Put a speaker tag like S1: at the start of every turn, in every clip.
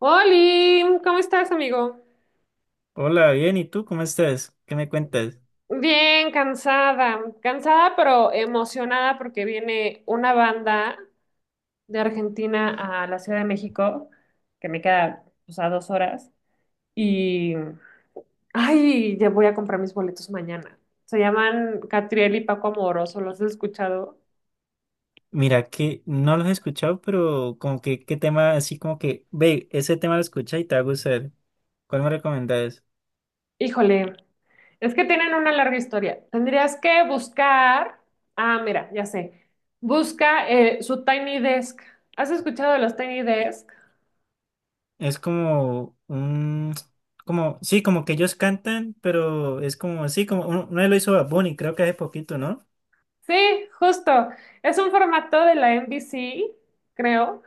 S1: Oli, ¿cómo estás, amigo?
S2: Hola, bien, ¿y tú cómo estás? ¿Qué me cuentas?
S1: Bien, cansada, cansada pero emocionada porque viene una banda de Argentina a la Ciudad de México, que me queda pues, a dos horas, y ay, ya voy a comprar mis boletos mañana. Se llaman Catriel y Paco Amoroso, ¿los he escuchado?
S2: Mira que no los he escuchado, pero como que qué tema así como que, ve, ese tema lo escucha y te va a gustar. ¿Cuál me recomendás?
S1: Híjole, es que tienen una larga historia. Tendrías que buscar, ah, mira, ya sé, busca su Tiny Desk. ¿Has escuchado de los Tiny Desk?
S2: Es como un, como, sí, como que ellos cantan, pero es como, sí, como uno lo hizo Bad Bunny, creo que hace poquito, ¿no?
S1: Sí, justo. Es un formato de la NBC, creo,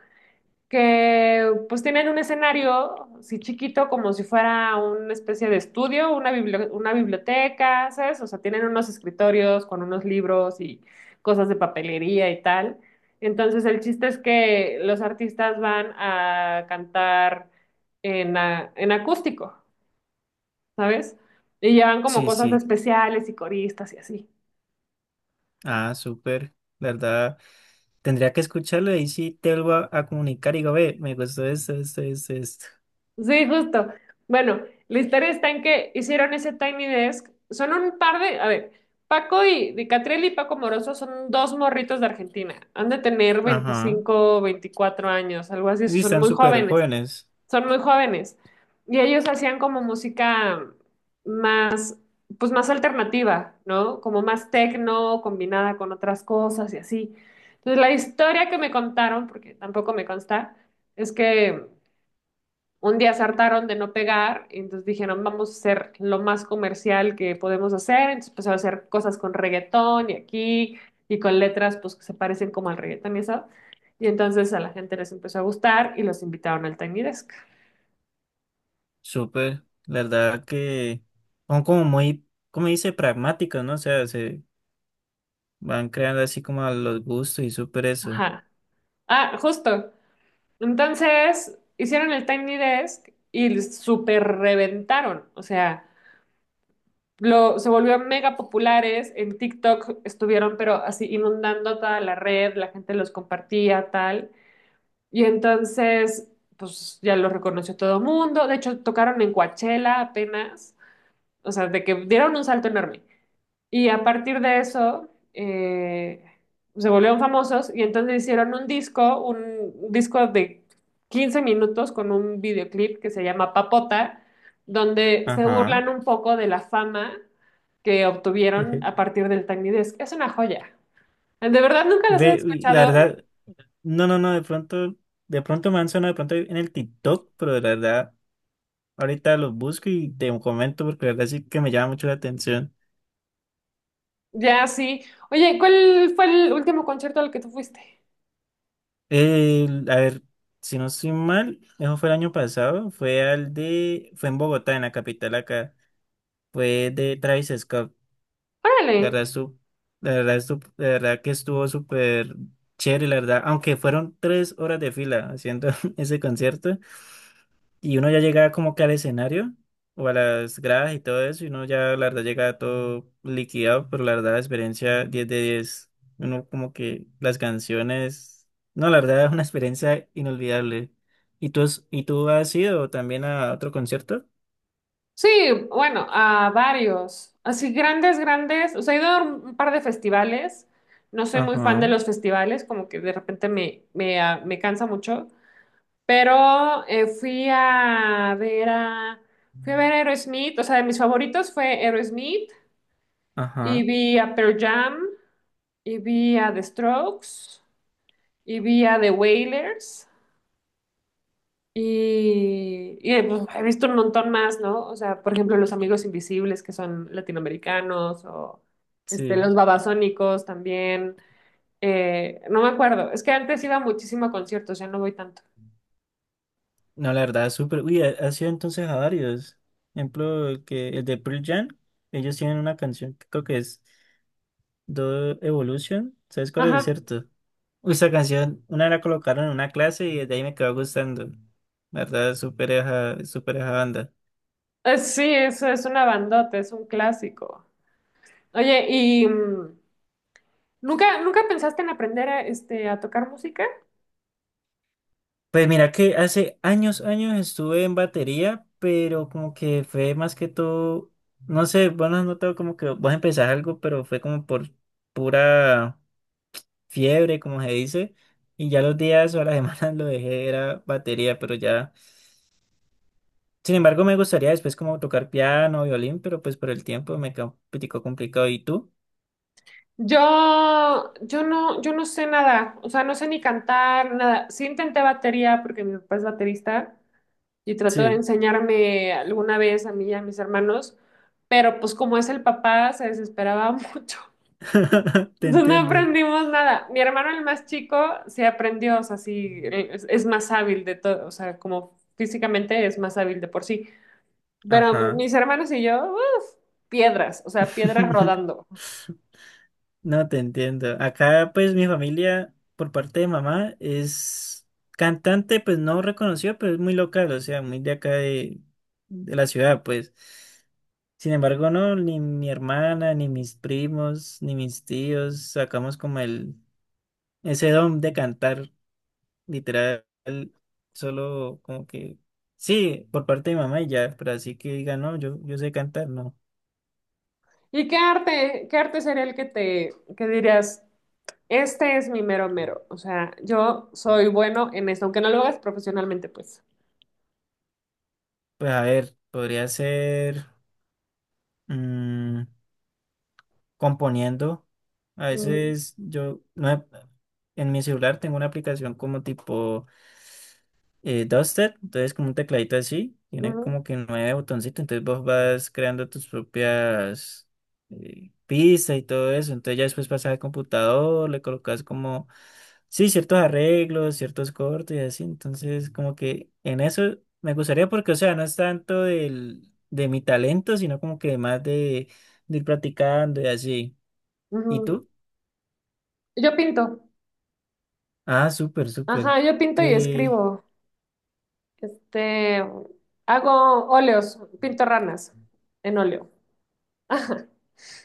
S1: que pues tienen un escenario, sí chiquito, como si fuera una especie de estudio, una una biblioteca, ¿sabes? O sea, tienen unos escritorios con unos libros y cosas de papelería y tal. Entonces, el chiste es que los artistas van a cantar en acústico, ¿sabes? Y llevan como
S2: Sí,
S1: cosas
S2: sí.
S1: especiales y coristas y así.
S2: Ah, súper. La verdad, tendría que escucharlo y ahí sí te vuelvo a comunicar y digo, ve, me gustó esto, esto, esto, esto.
S1: Sí, justo. Bueno, la historia está en que hicieron ese Tiny Desk. Son un par de, a ver, Paco y Di Catriel y Paco Moroso son dos morritos de Argentina. Han de tener
S2: Ajá.
S1: 25, 24 años, algo así.
S2: Y
S1: Son
S2: están
S1: muy
S2: súper
S1: jóvenes.
S2: jóvenes.
S1: Son muy jóvenes. Y ellos hacían como música más, pues más alternativa, ¿no? Como más techno, combinada con otras cosas y así. Entonces, la historia que me contaron, porque tampoco me consta, es que un día se hartaron de no pegar, y entonces dijeron, vamos a ser lo más comercial que podemos hacer, entonces empezaron a hacer cosas con reggaetón y aquí, y con letras pues que se parecen como al reggaetón y eso, y entonces a la gente les empezó a gustar y los invitaron al Tiny Desk.
S2: Súper, la verdad que son como muy, como dice, pragmáticos, ¿no? O sea, se van creando así como a los gustos y súper eso.
S1: Ajá. Ah, justo. Entonces hicieron el Tiny Desk y súper reventaron, o sea... Lo, se volvió mega populares, en TikTok estuvieron pero así inundando toda la red, la gente los compartía, tal. Y entonces, pues ya lo reconoció todo el mundo. De hecho, tocaron en Coachella apenas. O sea, de que dieron un salto enorme. Y a partir de eso, se volvieron famosos y entonces hicieron un disco de 15 minutos con un videoclip que se llama Papota, donde se
S2: Ajá.
S1: burlan un poco de la fama que obtuvieron a partir del Tiny Desk. Es una joya. De verdad, nunca los he
S2: Ve, uy, la
S1: escuchado.
S2: verdad, no, no, no, de pronto me han sonado de pronto en el TikTok, pero de la verdad, ahorita los busco y te comento porque la verdad sí que me llama mucho la atención.
S1: Ya, sí. Oye, ¿cuál fue el último concierto al que tú fuiste?
S2: A ver, si no estoy mal, eso fue el año pasado, fue al de, fue en Bogotá, en la capital acá, fue de Travis Scott.
S1: Órale.
S2: La verdad, la verdad, la verdad que estuvo súper chévere, la verdad. Aunque fueron 3 horas de fila haciendo ese concierto y uno ya llegaba como que al escenario o a las gradas y todo eso y uno ya, la verdad, llegaba todo liquidado, pero la verdad, la experiencia 10/10. Uno como que las canciones... No, la verdad es una experiencia inolvidable. ¿Y tú, y tú has ido también a otro concierto?
S1: Sí, bueno, a varios. Así grandes, grandes. O sea, he ido a un par de festivales. No soy muy fan de
S2: Ajá,
S1: los festivales, como que de repente me cansa mucho. Pero fui a ver a, fui a ver a Aerosmith. O sea, de mis favoritos fue Aerosmith. Y
S2: ajá,
S1: vi a Pearl Jam. Y vi a The Strokes. Y vi a The Wailers. Pues, he visto un montón más, ¿no? O sea, por ejemplo, los Amigos Invisibles, que son latinoamericanos, o este,
S2: sí.
S1: los Babasónicos también. No me acuerdo. Es que antes iba muchísimo a conciertos, ya no voy tanto.
S2: No, la verdad, súper. Uy, ha sido entonces a varios. Ejemplo, el de Pearl Jam, ellos tienen una canción que creo que es Do Evolution. ¿Sabes cuál es,
S1: Ajá.
S2: cierto? Uy, esa canción, una la colocaron en una clase y desde ahí me quedó gustando. La verdad, súper esa banda.
S1: Sí, eso es una bandota, es un clásico. Oye, ¿y nunca, nunca pensaste en aprender a, este, a tocar música?
S2: Pues mira que hace años, años estuve en batería, pero como que fue más que todo, no sé, vos no has notado como que vos empezás algo, pero fue como por pura fiebre, como se dice, y ya los días o las semanas lo dejé, era batería, pero ya. Sin embargo, me gustaría después como tocar piano, violín, pero pues por el tiempo me quedó un poquitico complicado. ¿Y tú?
S1: Yo no sé nada, o sea, no sé ni cantar, nada. Sí intenté batería porque mi papá es baterista y trató de
S2: Sí,
S1: enseñarme alguna vez a mí y a mis hermanos, pero pues como es el papá, se desesperaba mucho.
S2: te
S1: Entonces no
S2: entiendo.
S1: aprendimos nada. Mi hermano, el más chico, sí aprendió, o sea, sí, es más hábil de todo, o sea, como físicamente es más hábil de por sí. Pero
S2: Ajá.
S1: mis hermanos y yo, uf, piedras, o sea, piedras rodando.
S2: No te entiendo. Acá, pues, mi familia, por parte de mamá, es cantante, pues no reconocido pero es muy local, o sea, muy de acá de la ciudad, pues. Sin embargo, no, ni mi hermana, ni mis primos, ni mis tíos sacamos como ese don de cantar, literal, solo como que, sí, por parte de mamá y ya, pero así que diga, no, yo sé cantar, no.
S1: ¿Y qué arte sería el que te, que dirías, este es mi mero mero? O sea, yo soy bueno en esto, aunque no lo hagas profesionalmente, pues.
S2: Pues a ver, podría ser. mm, Componiendo. A
S1: Mm,
S2: veces yo no en mi celular tengo una aplicación como tipo Duster, entonces como un tecladito así, tiene
S1: ujú,
S2: como que nueve botoncitos, entonces vos vas creando tus propias pistas y todo eso, entonces ya después pasas al computador, le colocas como, sí, ciertos arreglos, ciertos cortes y así, entonces como que en eso me gustaría porque, o sea, no es tanto de mi talento, sino como que más de ir practicando y así. ¿Y
S1: ujú.
S2: tú?
S1: Yo pinto,
S2: Ah, súper, súper.
S1: ajá, yo pinto y
S2: Que
S1: escribo. Este, hago óleos, pinto ranas en óleo. Ajá.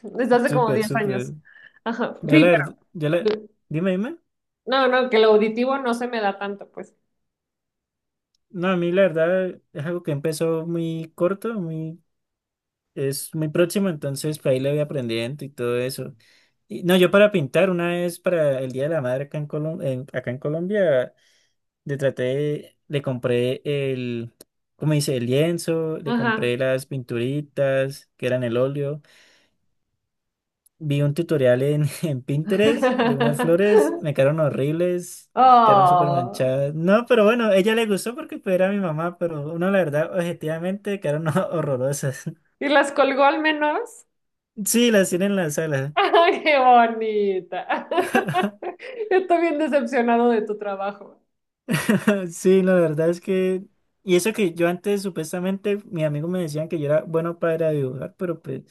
S1: Desde hace como
S2: súper,
S1: 10 años.
S2: súper.
S1: Ajá.
S2: Yo la
S1: Sí, pero
S2: verdad, yo la, dime, dime.
S1: no, que lo auditivo no se me da tanto, pues.
S2: No, a mí la verdad es algo que empezó muy corto, muy, es muy próximo, entonces pues, ahí le voy aprendiendo y todo eso. Y, no, yo para pintar una vez para el Día de la Madre acá en Colombia, le traté, le compré el, ¿cómo dice? El lienzo, le
S1: Ajá.
S2: compré las pinturitas que eran el óleo. Vi un tutorial en, en Pinterest de unas flores, me quedaron horribles, quedaron súper
S1: Oh.
S2: manchadas. No, pero bueno, ella le gustó porque pues, era mi mamá, pero uno la verdad, objetivamente, quedaron horrorosas.
S1: ¿Y las colgó al menos?
S2: Sí, las tienen en la sala.
S1: ¡Ay, qué bonita! Estoy bien decepcionado de tu trabajo.
S2: Sí, la verdad es que... Y eso que yo antes supuestamente, mis amigos me decían que yo era bueno para dibujar, pero pues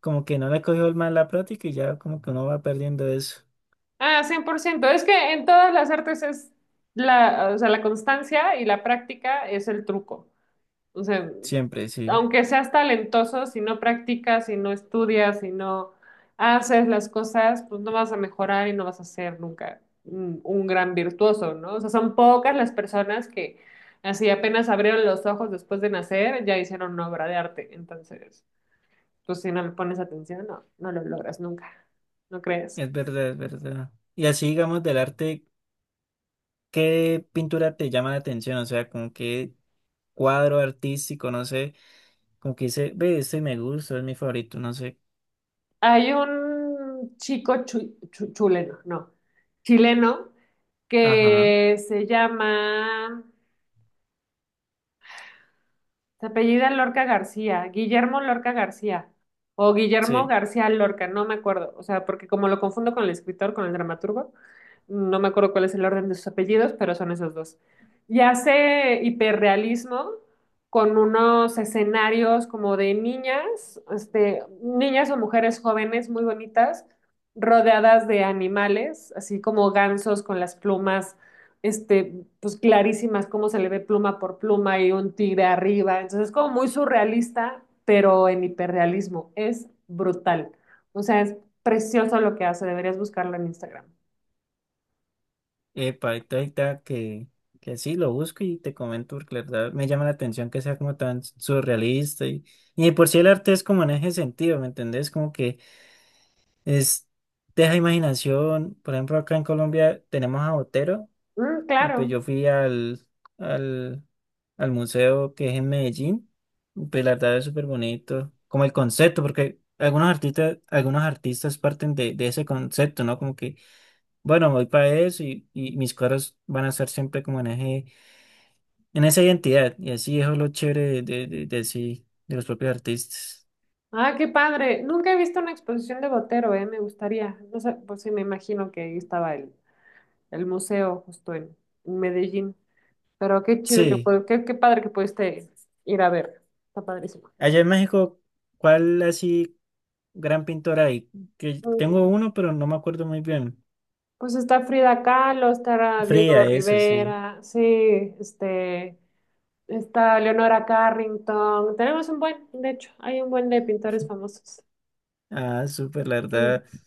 S2: como que no le cogió el mal la práctica y ya como que uno va perdiendo eso.
S1: Ah, cien por ciento. Es que en todas las artes es la, o sea, la constancia y la práctica es el truco. O sea,
S2: Siempre, sí.
S1: aunque seas talentoso, si no practicas, si no estudias, si no haces las cosas, pues no vas a mejorar y no vas a ser nunca un, un gran virtuoso, ¿no? O sea, son pocas las personas que así apenas abrieron los ojos después de nacer, ya hicieron una obra de arte. Entonces, pues si no le pones atención, no lo logras nunca, ¿no crees?
S2: Es verdad, es verdad. Y así, digamos, del arte. ¿Qué pintura te llama la atención? O sea, como qué cuadro artístico, no sé, como que dice, ve, este me gusta, es mi favorito, no sé.
S1: Hay un chico chuleno, no, chileno
S2: Ajá,
S1: que se llama... Se apellida Lorca García, Guillermo Lorca García, o Guillermo
S2: sí.
S1: García Lorca, no me acuerdo, o sea, porque como lo confundo con el escritor, con el dramaturgo, no me acuerdo cuál es el orden de sus apellidos, pero son esos dos. Y hace hiperrealismo con unos escenarios como de niñas, este, niñas o mujeres jóvenes muy bonitas, rodeadas de animales, así como gansos con las plumas este, pues clarísimas, cómo se le ve pluma por pluma y un tigre arriba. Entonces es como muy surrealista, pero en hiperrealismo. Es brutal. O sea, es precioso lo que hace. Deberías buscarlo en Instagram.
S2: Epa, ahorita que sí, lo busco y te comento, porque la verdad me llama la atención que sea como tan surrealista. Y de por sí el arte es como en ese sentido, ¿me entendés? Como que es, deja imaginación. Por ejemplo, acá en Colombia tenemos a Botero.
S1: Mm,
S2: Y pues
S1: claro.
S2: yo fui al, al museo que es en Medellín. Y pues la verdad es súper bonito. Como el concepto, porque algunos artistas parten de ese concepto, ¿no? Como que, bueno, voy para eso y mis cuadros van a ser siempre como en eje, en esa identidad. Y así eso es lo chévere de sí, de los propios artistas.
S1: Ah, qué padre. Nunca he visto una exposición de Botero, eh. Me gustaría. No sé, pues sí, me imagino que ahí estaba el museo justo en Medellín. Pero qué chido que
S2: Sí.
S1: puede, qué, qué padre que pudiste ir a ver. Está padrísimo.
S2: Allá en México, ¿cuál así gran pintor hay? Que tengo
S1: Mm.
S2: uno, pero no me acuerdo muy bien.
S1: Pues está Frida Kahlo, está Diego
S2: Fría, eso, sí.
S1: Rivera, sí, este, está Leonora Carrington. Tenemos un buen, de hecho, hay un buen de pintores famosos.
S2: Ah, súper, la verdad
S1: Mm,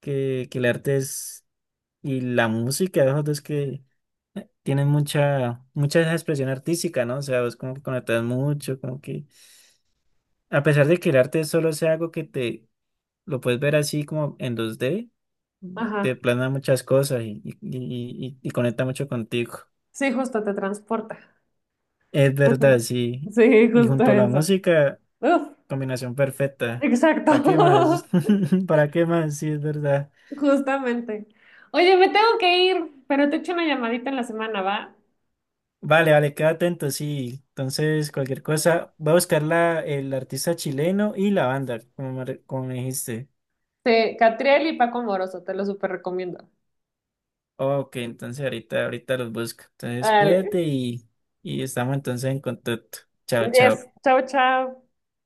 S2: que el arte es y la música, los dos que tienen mucha esa expresión artística, ¿no? O sea, vos como que conectas mucho, como que a pesar de que el arte solo sea algo que te lo puedes ver así como en 2D te
S1: ajá,
S2: plana muchas cosas y conecta mucho contigo.
S1: sí, justo te transporta.
S2: Es verdad, sí.
S1: Sí,
S2: Y
S1: justo
S2: junto a la
S1: eso.
S2: música,
S1: Uf,
S2: combinación perfecta.
S1: exacto,
S2: ¿Para qué más? ¿Para qué más? Sí, es verdad.
S1: justamente. Oye, me tengo que ir, pero te echo una llamadita en la semana, ¿va?
S2: Vale, vale, queda atento, sí. Entonces, cualquier cosa, voy a buscar la, el artista chileno y la banda, como me, como me dijiste.
S1: Sí, Catriel y Paco Moroso, te lo súper recomiendo.
S2: Ok, entonces ahorita los busco. Entonces,
S1: Dale.
S2: cuídate y estamos entonces en contacto. Chao,
S1: Yes,
S2: chao.
S1: chao, chao.